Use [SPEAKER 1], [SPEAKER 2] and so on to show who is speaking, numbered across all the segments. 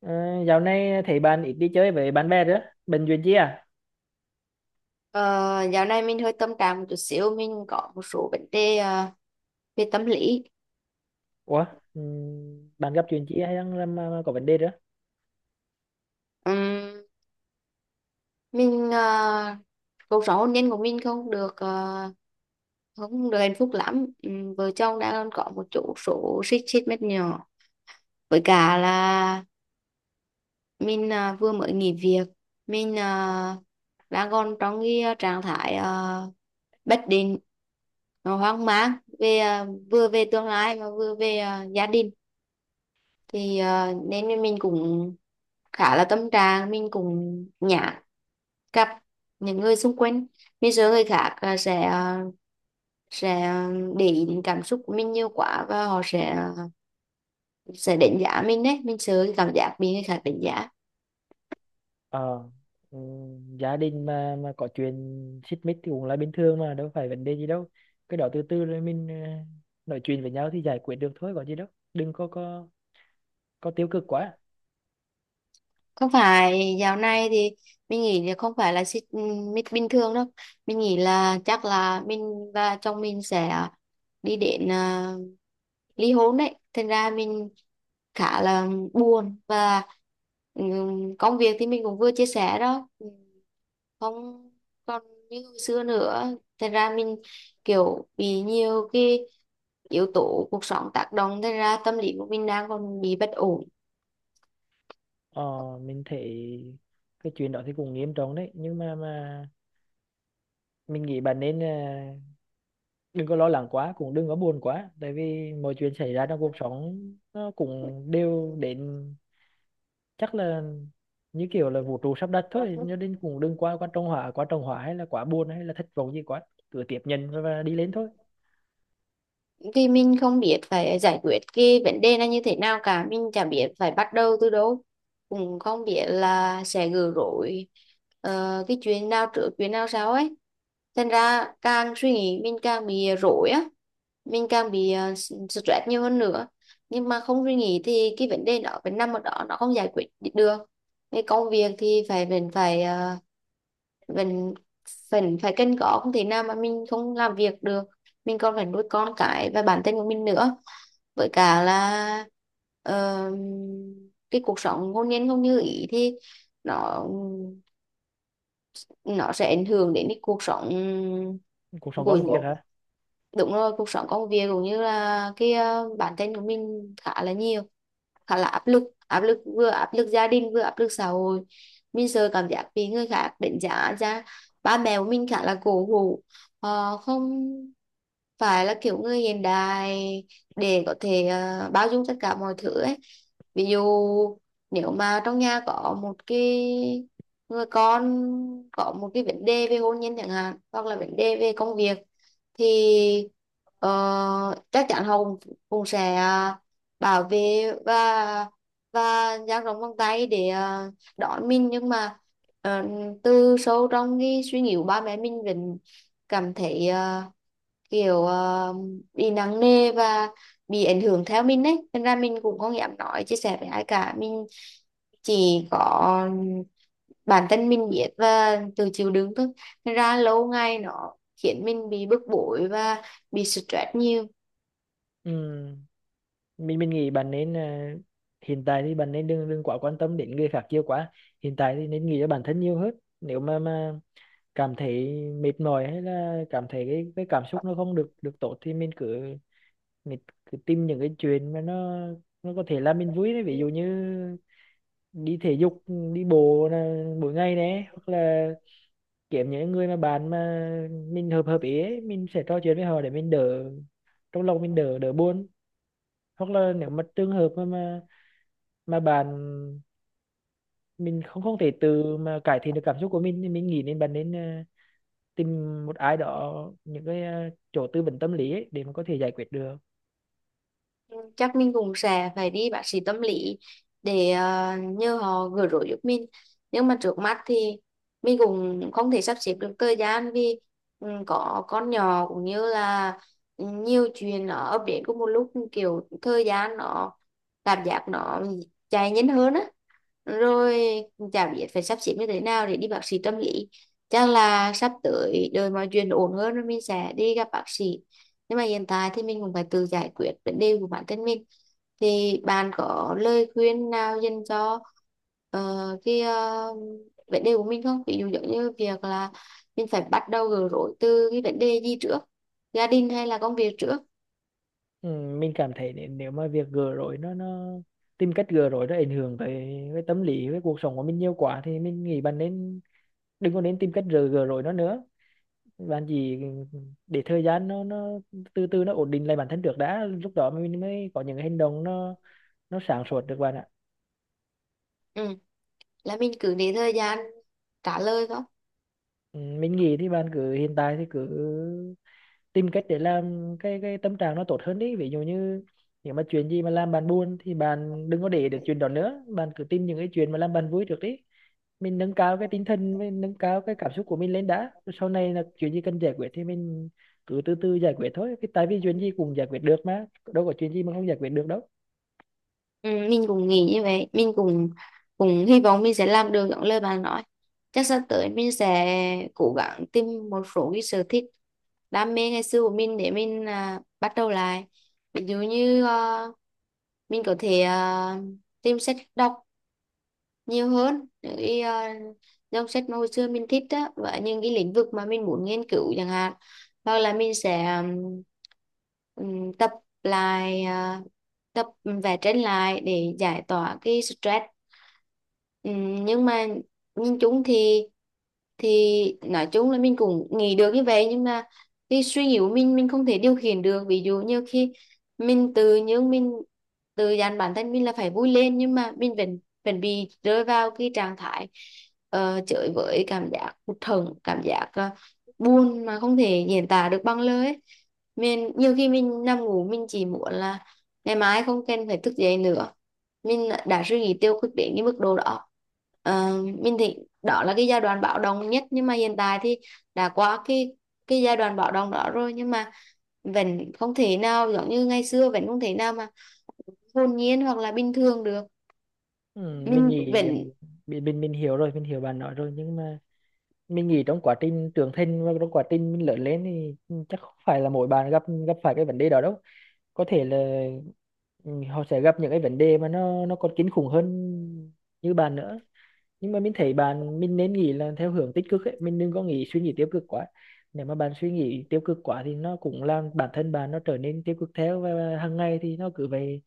[SPEAKER 1] Ờ, Dạo này thấy bạn ít đi chơi với bạn bè nữa. Bệnh chuyện chi à?
[SPEAKER 2] Ờ, dạo này mình hơi tâm trạng một chút xíu, mình có một số vấn đề về tâm lý.
[SPEAKER 1] Ủa, ừ, bạn gặp chuyện chi hay đang mà có vấn đề nữa?
[SPEAKER 2] Ừm, mình cuộc sống hôn nhân của mình không được không được hạnh phúc lắm. Vợ chồng đang có một chỗ số xích xích mét nhỏ, với cả là mình vừa mới nghỉ việc. Mình đang còn trong cái trạng thái bất định, hoang mang về vừa về tương lai mà vừa về gia đình, thì nên mình cũng khá là tâm trạng, mình cũng nhả gặp những người xung quanh. Bây giờ người khác sẽ sẽ ờ, để ý đến cảm xúc của mình nhiều quá, và họ sẽ đánh giá mình đấy, mình sợ cái cảm giác bị người khác đánh giá.
[SPEAKER 1] Ờ, ừ, Gia đình mà có chuyện xích mích thì cũng là bình thường mà, đâu phải vấn đề gì đâu. Cái đó từ từ rồi mình nói chuyện với nhau thì giải quyết được thôi, có gì đâu. Đừng có tiêu cực quá.
[SPEAKER 2] Không phải, dạo này thì mình nghĩ là không phải là xích mít bình thường đâu, mình nghĩ là chắc là mình và chồng mình sẽ đi đến ly hôn đấy, thành ra mình khá là buồn. Và công việc thì mình cũng vừa chia sẻ đó. Không còn như hồi xưa nữa, thành ra mình kiểu bị nhiều cái yếu tố cuộc sống tác động, thành ra tâm lý của mình đang còn bị bất ổn.
[SPEAKER 1] Ờ, mình thấy cái chuyện đó thì cũng nghiêm trọng đấy, nhưng mà mình nghĩ bạn nên đừng có lo lắng quá, cũng đừng có buồn quá, tại vì mọi chuyện xảy ra trong cuộc sống nó cũng đều đến, chắc là như kiểu là vũ trụ sắp đặt thôi, cho nên cũng đừng quá quá trông hỏa, quá trông hỏa hay là quá buồn hay là thất vọng gì quá, cứ tiếp nhận và đi lên thôi.
[SPEAKER 2] Vì mình không biết phải giải quyết cái vấn đề này như thế nào cả, mình chả biết phải bắt đầu từ đâu, cũng không biết là sẽ gỡ rối cái chuyện nào trước chuyện nào sau ấy, thành ra càng suy nghĩ mình càng bị rối á, mình càng bị stress nhiều hơn nữa. Nhưng mà không suy nghĩ thì cái vấn đề đó vẫn nằm ở đó, nó không giải quyết được. Cái công việc thì phải vẫn phải ờ, vẫn vẫn phải cân có, không thể nào mà mình không làm việc được, mình còn phải nuôi con cái và bản thân của mình nữa. Với cả là ờ, cái cuộc sống hôn nhân không như ý thì nó nó sẽ ảnh hưởng đến cái cuộc sống
[SPEAKER 1] Cuộc sống công việc
[SPEAKER 2] của,
[SPEAKER 1] hả?
[SPEAKER 2] đúng rồi, cuộc sống công việc, cũng như là cái bản thân của mình khá là nhiều, khá là áp lực, áp lực, vừa áp lực gia đình vừa áp lực xã hội, mình sợ cảm giác bị người khác đánh giá ra. Ba mẹ của mình khá là cổ hủ, họ không phải là kiểu người hiện đại để có thể bao dung tất cả mọi thứ ấy. Ví dụ nếu mà trong nhà có một cái người con có một cái vấn đề về hôn nhân chẳng hạn, hoặc là vấn đề về công việc, thì chắc chắn họ cũng sẽ bảo vệ và dang rộng vòng tay để đón mình, nhưng mà ờ, từ sâu trong cái suy nghĩ của ba mẹ, mình vẫn cảm thấy kiểu bị nặng nề và bị ảnh hưởng theo mình đấy, nên ra mình cũng không dám nói chia sẻ với ai cả. Mình chỉ có bản thân mình biết và tự chịu đựng thôi, nên ra lâu ngày nó khiến mình bị bức bối và bị stress nhiều.
[SPEAKER 1] Ừ. mình nghĩ bạn nên hiện tại thì bạn nên đừng đừng quá quan tâm đến người khác nhiều quá, hiện tại thì nên nghĩ cho bản thân nhiều hơn. Nếu mà cảm thấy mệt mỏi hay là cảm thấy cái cảm xúc nó không được được tốt thì mình cứ tìm những cái chuyện mà nó có thể làm mình vui đấy, ví dụ như đi thể dục, đi bộ là mỗi ngày đấy, hoặc là kiếm những người mà bạn mà mình hợp hợp ý ấy, mình sẽ trò chuyện với họ để mình đỡ, trong lòng mình đỡ đỡ buồn. Hoặc là nếu mà trường hợp mà mình không không thể tự mà cải thiện được cảm xúc của mình thì mình nghĩ nên bạn nên tìm một ai đó, những cái chỗ tư vấn tâm lý ấy, để mà có thể giải quyết được.
[SPEAKER 2] Chắc mình cũng sẽ phải đi bác sĩ tâm lý để nhờ họ gỡ rối giúp mình, nhưng mà trước mắt thì mình cũng không thể sắp xếp được thời gian, vì ừ, có con nhỏ cũng như là nhiều chuyện nó ập đến cùng một lúc, kiểu thời gian nó cảm giác nó chạy nhanh hơn á, rồi chả biết phải sắp xếp như thế nào để đi bác sĩ tâm lý. Chắc là sắp tới đợi mọi chuyện ổn hơn rồi mình sẽ đi gặp bác sĩ, nhưng mà hiện tại thì mình cũng phải tự giải quyết vấn đề của bản thân mình. Thì bạn có lời khuyên nào dành cho ờ, cái vấn đề của mình không, ví dụ giống như việc là mình phải bắt đầu gỡ rối từ cái vấn đề gì trước, gia đình hay là công việc trước?
[SPEAKER 1] Ừ, mình cảm thấy nếu nếu mà việc gỡ rối nó tìm cách gỡ rối nó ảnh hưởng tới, với tâm lý với cuộc sống của mình nhiều quá thì mình nghĩ bạn nên đừng có nên tìm cách gỡ gỡ rối nó nữa, bạn chỉ để thời gian nó từ từ nó ổn định lại bản thân trước đã, lúc đó mình mới có những hành động nó sáng suốt được bạn ạ.
[SPEAKER 2] Ừ, là mình cứ để thời gian trả lời thôi.
[SPEAKER 1] Ừ, mình nghĩ thì bạn cứ hiện tại thì cứ tìm cách để làm cái tâm trạng nó tốt hơn đi, ví dụ như nếu mà chuyện gì mà làm bạn buồn thì bạn đừng có để được chuyện đó nữa, bạn cứ tìm những cái chuyện mà làm bạn vui trước đi, mình nâng cao cái tinh thần, mình nâng cao cái cảm xúc của mình lên đã. Rồi sau này là chuyện gì cần giải quyết thì mình cứ từ từ giải quyết thôi, cái tại vì chuyện gì cũng giải quyết được mà, đâu có chuyện gì mà không giải quyết được đâu.
[SPEAKER 2] Ừ, mình cũng nghĩ như vậy, mình cũng cũng hy vọng mình sẽ làm được những lời bạn nói. Chắc sắp tới mình sẽ cố gắng tìm một số cái sở thích, đam mê ngày xưa của mình, để mình bắt đầu lại. Ví dụ như mình có thể tìm sách đọc nhiều hơn, những cái dòng sách mà hồi xưa mình thích á, và những cái lĩnh vực mà mình muốn nghiên cứu chẳng hạn. Hoặc là mình sẽ tập lại, tập vẽ tranh lại để giải tỏa cái stress. Nhưng mà nhìn chung thì, nói chung là mình cũng nghĩ được như vậy, nhưng mà cái suy nghĩ của mình không thể điều khiển được. Ví dụ như khi mình tự dặn bản thân mình là phải vui lên, nhưng mà mình bị rơi vào cái trạng thái chới với, cảm giác hụt hẫng, cảm giác buồn mà không thể diễn tả được bằng lời ấy. Mình nhiều khi mình nằm ngủ, mình chỉ muốn là ngày mai không cần phải thức dậy nữa, mình đã suy nghĩ tiêu cực đến cái mức độ đó. Ờ, mình thì đó là cái giai đoạn bạo động nhất, nhưng mà hiện tại thì đã qua cái giai đoạn bạo động đó rồi, nhưng mà vẫn không thể nào giống như ngày xưa, vẫn không thể nào mà hồn nhiên hoặc là bình thường được.
[SPEAKER 1] Ừ, mình
[SPEAKER 2] Mình
[SPEAKER 1] nghĩ
[SPEAKER 2] vẫn
[SPEAKER 1] mình hiểu rồi, mình hiểu bạn nói rồi, nhưng mà mình nghĩ trong quá trình trưởng thành và trong quá trình mình lớn lên thì chắc không phải là mỗi bạn gặp gặp phải cái vấn đề đó đâu, có thể là ừ, họ sẽ gặp những cái vấn đề mà nó còn kinh khủng hơn như bạn nữa. Nhưng mà mình thấy bạn, mình nên nghĩ là theo hướng tích cực ấy, mình đừng có nghĩ suy nghĩ tiêu cực quá. Nếu mà bạn suy nghĩ tiêu cực quá thì nó cũng làm bản thân bạn nó trở nên tiêu cực theo, và hàng ngày thì nó cứ vậy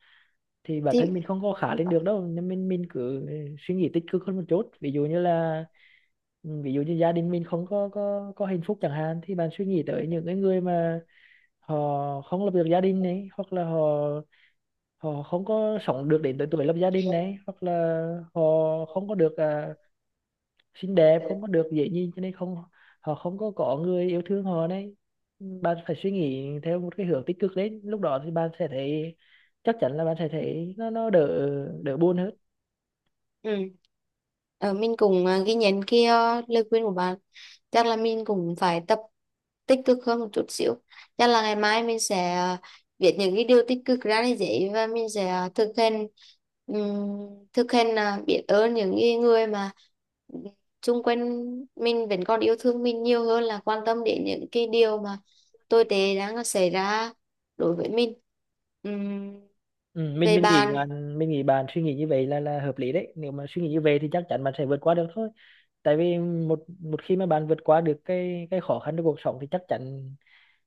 [SPEAKER 1] thì bản thân
[SPEAKER 2] thì
[SPEAKER 1] mình không có khá lên được đâu, nên mình cứ suy nghĩ tích cực hơn một chút, ví dụ như là ví dụ như gia đình mình không có hạnh phúc chẳng hạn thì bạn suy nghĩ tới những cái người mà họ không lập được gia đình này, hoặc là họ họ không có sống được đến tới tuổi lập gia đình này, hoặc là họ không có được xinh đẹp, không có được dễ nhìn cho nên không, họ không có người yêu thương họ này. Bạn phải suy nghĩ theo một cái hướng tích cực lên, lúc đó thì bạn sẽ thấy, chắc chắn là bạn sẽ thấy nó đỡ, đỡ buồn hơn.
[SPEAKER 2] ừ. Ờ, mình cũng ghi nhận cái lời khuyên của bạn. Chắc là mình cũng phải tập tích cực hơn một chút xíu. Chắc là ngày mai mình sẽ viết những cái điều tích cực ra lên giấy, và mình sẽ thực hành, ừm, thực hành biết ơn những cái người mà xung quanh mình vẫn còn yêu thương mình, nhiều hơn là quan tâm đến những cái điều mà tồi tệ đang xảy ra đối với mình. Ừm,
[SPEAKER 1] Ừ, mình
[SPEAKER 2] về
[SPEAKER 1] mình nghĩ
[SPEAKER 2] bạn.
[SPEAKER 1] bạn, mình nghĩ bạn suy nghĩ như vậy là hợp lý đấy, nếu mà suy nghĩ như vậy thì chắc chắn bạn sẽ vượt qua được thôi, tại vì một một khi mà bạn vượt qua được cái khó khăn trong cuộc sống thì chắc chắn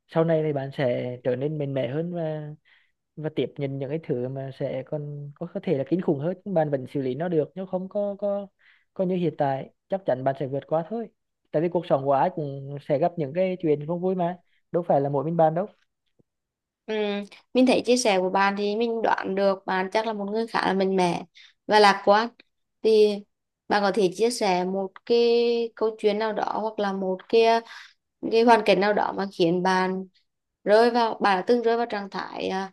[SPEAKER 1] sau này thì bạn sẽ trở nên mạnh mẽ hơn, và tiếp nhận những cái thứ mà sẽ còn có thể là kinh khủng hơn, nhưng bạn vẫn xử lý nó được. Nếu không có như hiện tại, chắc chắn bạn sẽ vượt qua thôi, tại vì cuộc sống của ai cũng sẽ gặp những cái chuyện không vui mà, đâu phải là mỗi mình bạn đâu.
[SPEAKER 2] Ừ, mình thấy chia sẻ của bạn thì mình đoán được bạn chắc là một người khá là mạnh mẽ và lạc quan. Thì bạn có thể chia sẻ một cái câu chuyện nào đó, hoặc là một cái hoàn cảnh nào đó mà khiến bạn rơi vào bạn đã từng rơi vào trạng thái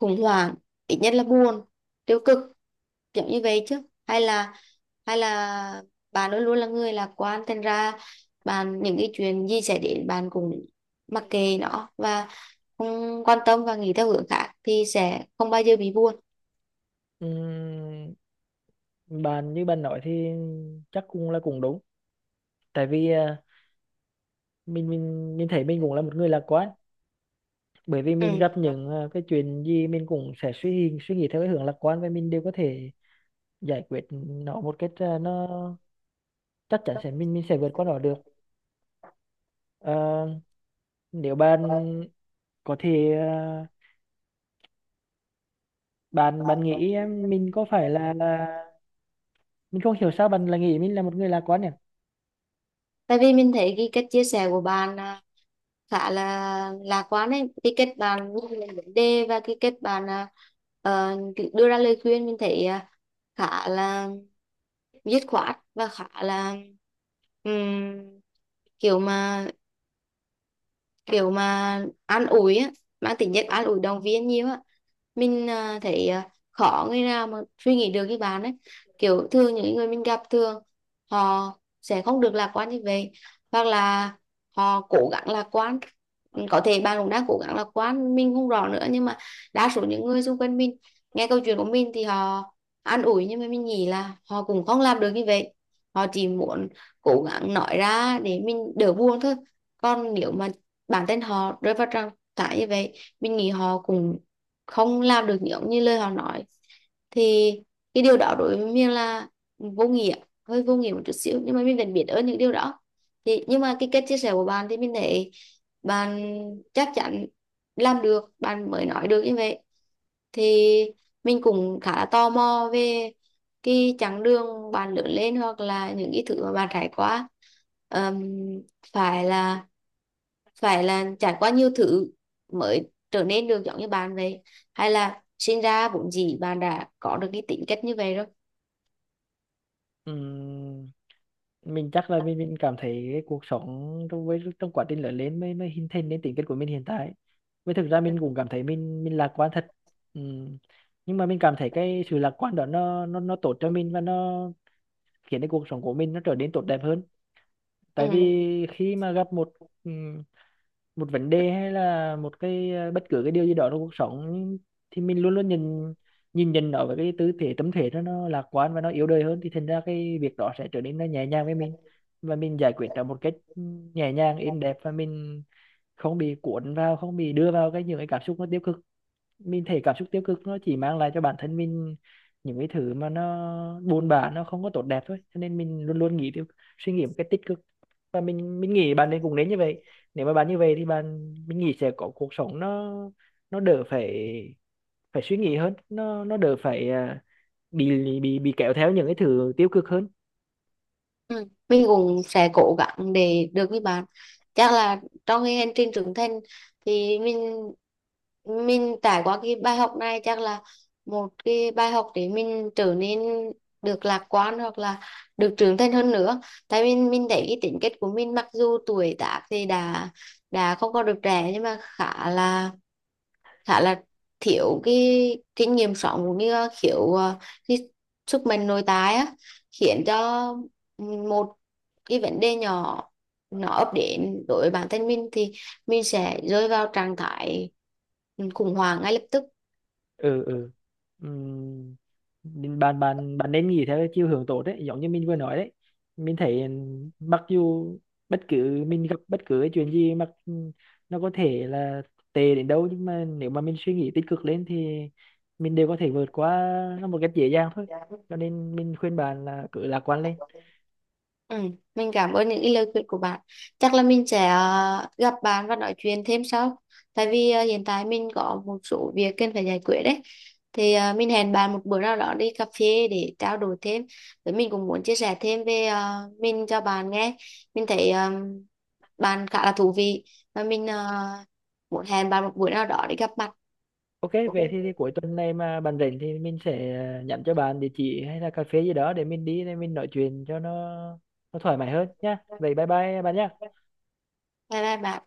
[SPEAKER 2] khủng hoảng, ít nhất là buồn, tiêu cực, kiểu như vậy chứ? Hay là hay là bạn luôn luôn là người lạc quan, thành ra bạn những cái chuyện gì xảy đến bạn cũng mặc kệ nó, và không quan tâm và nghĩ theo hướng khác thì sẽ không bao giờ bị buồn.
[SPEAKER 1] Ừm, Bạn như bạn nói thì chắc cũng là cũng đúng, tại vì mình thấy mình cũng là một người lạc quan, bởi vì mình
[SPEAKER 2] Ừ.
[SPEAKER 1] gặp những cái chuyện gì mình cũng sẽ suy suy nghĩ theo cái hướng lạc quan và mình đều có thể giải quyết nó một cách à, nó chắc chắn sẽ mình sẽ vượt qua nó được. Ờ, Nếu bạn có thể bạn bạn nghĩ em, mình có phải là mình không hiểu sao bạn lại nghĩ mình là một người lạc quan nhỉ?
[SPEAKER 2] Tại vì mình thấy cái cách chia sẻ của bạn khá là lạc quan ấy, cái cách bạn nhìn lên vấn đề và cái cách bạn cứ đưa ra lời khuyên, mình thấy khá là dứt khoát và khá là ừm, kiểu mà kiểu mà an ủi á, mang tính chất an ủi động viên nhiều á. Mình thấy khó người nào mà suy nghĩ được như bạn ấy, kiểu thường những người mình gặp thường họ sẽ không được lạc quan như vậy, hoặc là họ cố gắng lạc quan. Ừ, có thể bạn cũng đang cố gắng lạc quan, mình không rõ nữa, nhưng mà đa số những người xung quanh mình nghe câu chuyện của mình thì họ an ủi, nhưng mà mình nghĩ là họ cũng không làm được như vậy. Họ chỉ muốn cố gắng nói ra để mình đỡ buồn thôi, còn nếu mà bản thân họ rơi vào trạng thái như vậy, mình nghĩ họ cũng không làm được giống như lời họ nói. Thì cái điều đó đối với mình là vô nghĩa, hơi vô nghĩa một chút xíu, nhưng mà mình vẫn biết ơn những điều đó. Thì nhưng mà cái cách chia sẻ của bạn thì mình thấy bạn chắc chắn làm được bạn mới nói được như vậy. Thì mình cũng khá là tò mò về cái chặng đường bạn lớn lên, hoặc là những cái thứ mà bạn trải qua. Ờm, phải là phải là trải qua nhiều thứ mới trở nên được giống như bạn vậy, hay là sinh ra vốn dĩ bạn đã có được cái tính cách như vậy rồi?
[SPEAKER 1] Ừm, mình chắc là mình cảm thấy cái cuộc sống trong, với trong quá trình lớn lên mới mới hình thành nên tính cách của mình hiện tại, với thực ra mình cũng cảm thấy mình lạc quan thật. Ừm. Nhưng mà mình cảm thấy cái sự lạc quan đó nó tốt cho mình và nó khiến cái cuộc sống của mình nó trở nên tốt đẹp hơn, tại vì
[SPEAKER 2] Ừ.
[SPEAKER 1] khi mà gặp một một vấn đề hay là một cái bất cứ cái điều gì đó trong cuộc sống thì mình luôn luôn nhìn, nhìn nhận nó với cái tư thế, tâm thế nó lạc quan và nó yếu đời hơn, thì thành ra cái việc đó sẽ trở nên nó nhẹ nhàng với mình, và mình giải quyết nó một cách nhẹ nhàng êm đẹp, và mình không bị cuốn vào, không bị đưa vào cái những cái cảm xúc nó tiêu cực. Mình thấy cảm xúc tiêu cực nó chỉ mang lại cho bản thân mình những cái thứ mà nó buồn bã, nó không có tốt đẹp thôi, cho nên mình luôn luôn nghĩ tiêu suy nghĩ một cái tích cực. Và mình nghĩ bạn nên, cũng nên như vậy. Nếu mà bạn như vậy thì bạn, mình nghĩ sẽ có cuộc sống nó đỡ phải, suy nghĩ hơn, nó đỡ phải bị kéo theo những cái thứ tiêu cực hơn.
[SPEAKER 2] Ừ, mình cũng sẽ cố gắng để được với bạn. Chắc là trong cái hành trình trưởng thành thì mình trải qua cái bài học này, chắc là một cái bài học để mình trở nên được lạc quan hoặc là được trưởng thành hơn nữa. Tại mình thấy cái tính cách của mình, mặc dù tuổi tác thì đã không còn được trẻ, nhưng mà khá là khá là thiếu cái kinh nghiệm sống, cũng như thiếu cái sức mạnh nội tại á, khiến cho một cái vấn đề nhỏ nó ập đến đối với bản thân mình thì mình sẽ rơi vào trạng thái khủng hoảng ngay lập tức.
[SPEAKER 1] ừ ừ Ừm, Nên bạn bạn bạn nên nghĩ theo cái chiều hướng tốt đấy, giống như mình vừa nói đấy. Mình thấy mặc dù bất cứ cái chuyện gì nó có thể là tệ đến đâu, nhưng mà nếu mà mình suy nghĩ tích cực lên thì mình đều có thể vượt qua nó một cách dễ dàng thôi, cho nên mình khuyên bạn là cứ lạc quan lên.
[SPEAKER 2] Ừ, mình cảm ơn những cái lời khuyên của bạn. Chắc là mình sẽ gặp bạn và nói chuyện thêm sau. Tại vì hiện tại mình có một số việc cần phải giải quyết đấy. Thì mình hẹn bạn một bữa nào đó đi cà phê để trao đổi thêm. Với mình cũng muốn chia sẻ thêm về mình cho bạn nghe. Mình thấy bạn khá là thú vị, và mình muốn hẹn bạn một bữa nào đó để gặp mặt.
[SPEAKER 1] OK
[SPEAKER 2] Ok.
[SPEAKER 1] thì, cuối tuần này mà bạn rảnh thì mình sẽ nhắn cho bạn địa chỉ hay là cà phê gì đó để mình đi, để mình nói chuyện cho nó thoải mái hơn nhá. Vậy bye bye bạn nhá.
[SPEAKER 2] Bye bye bạn.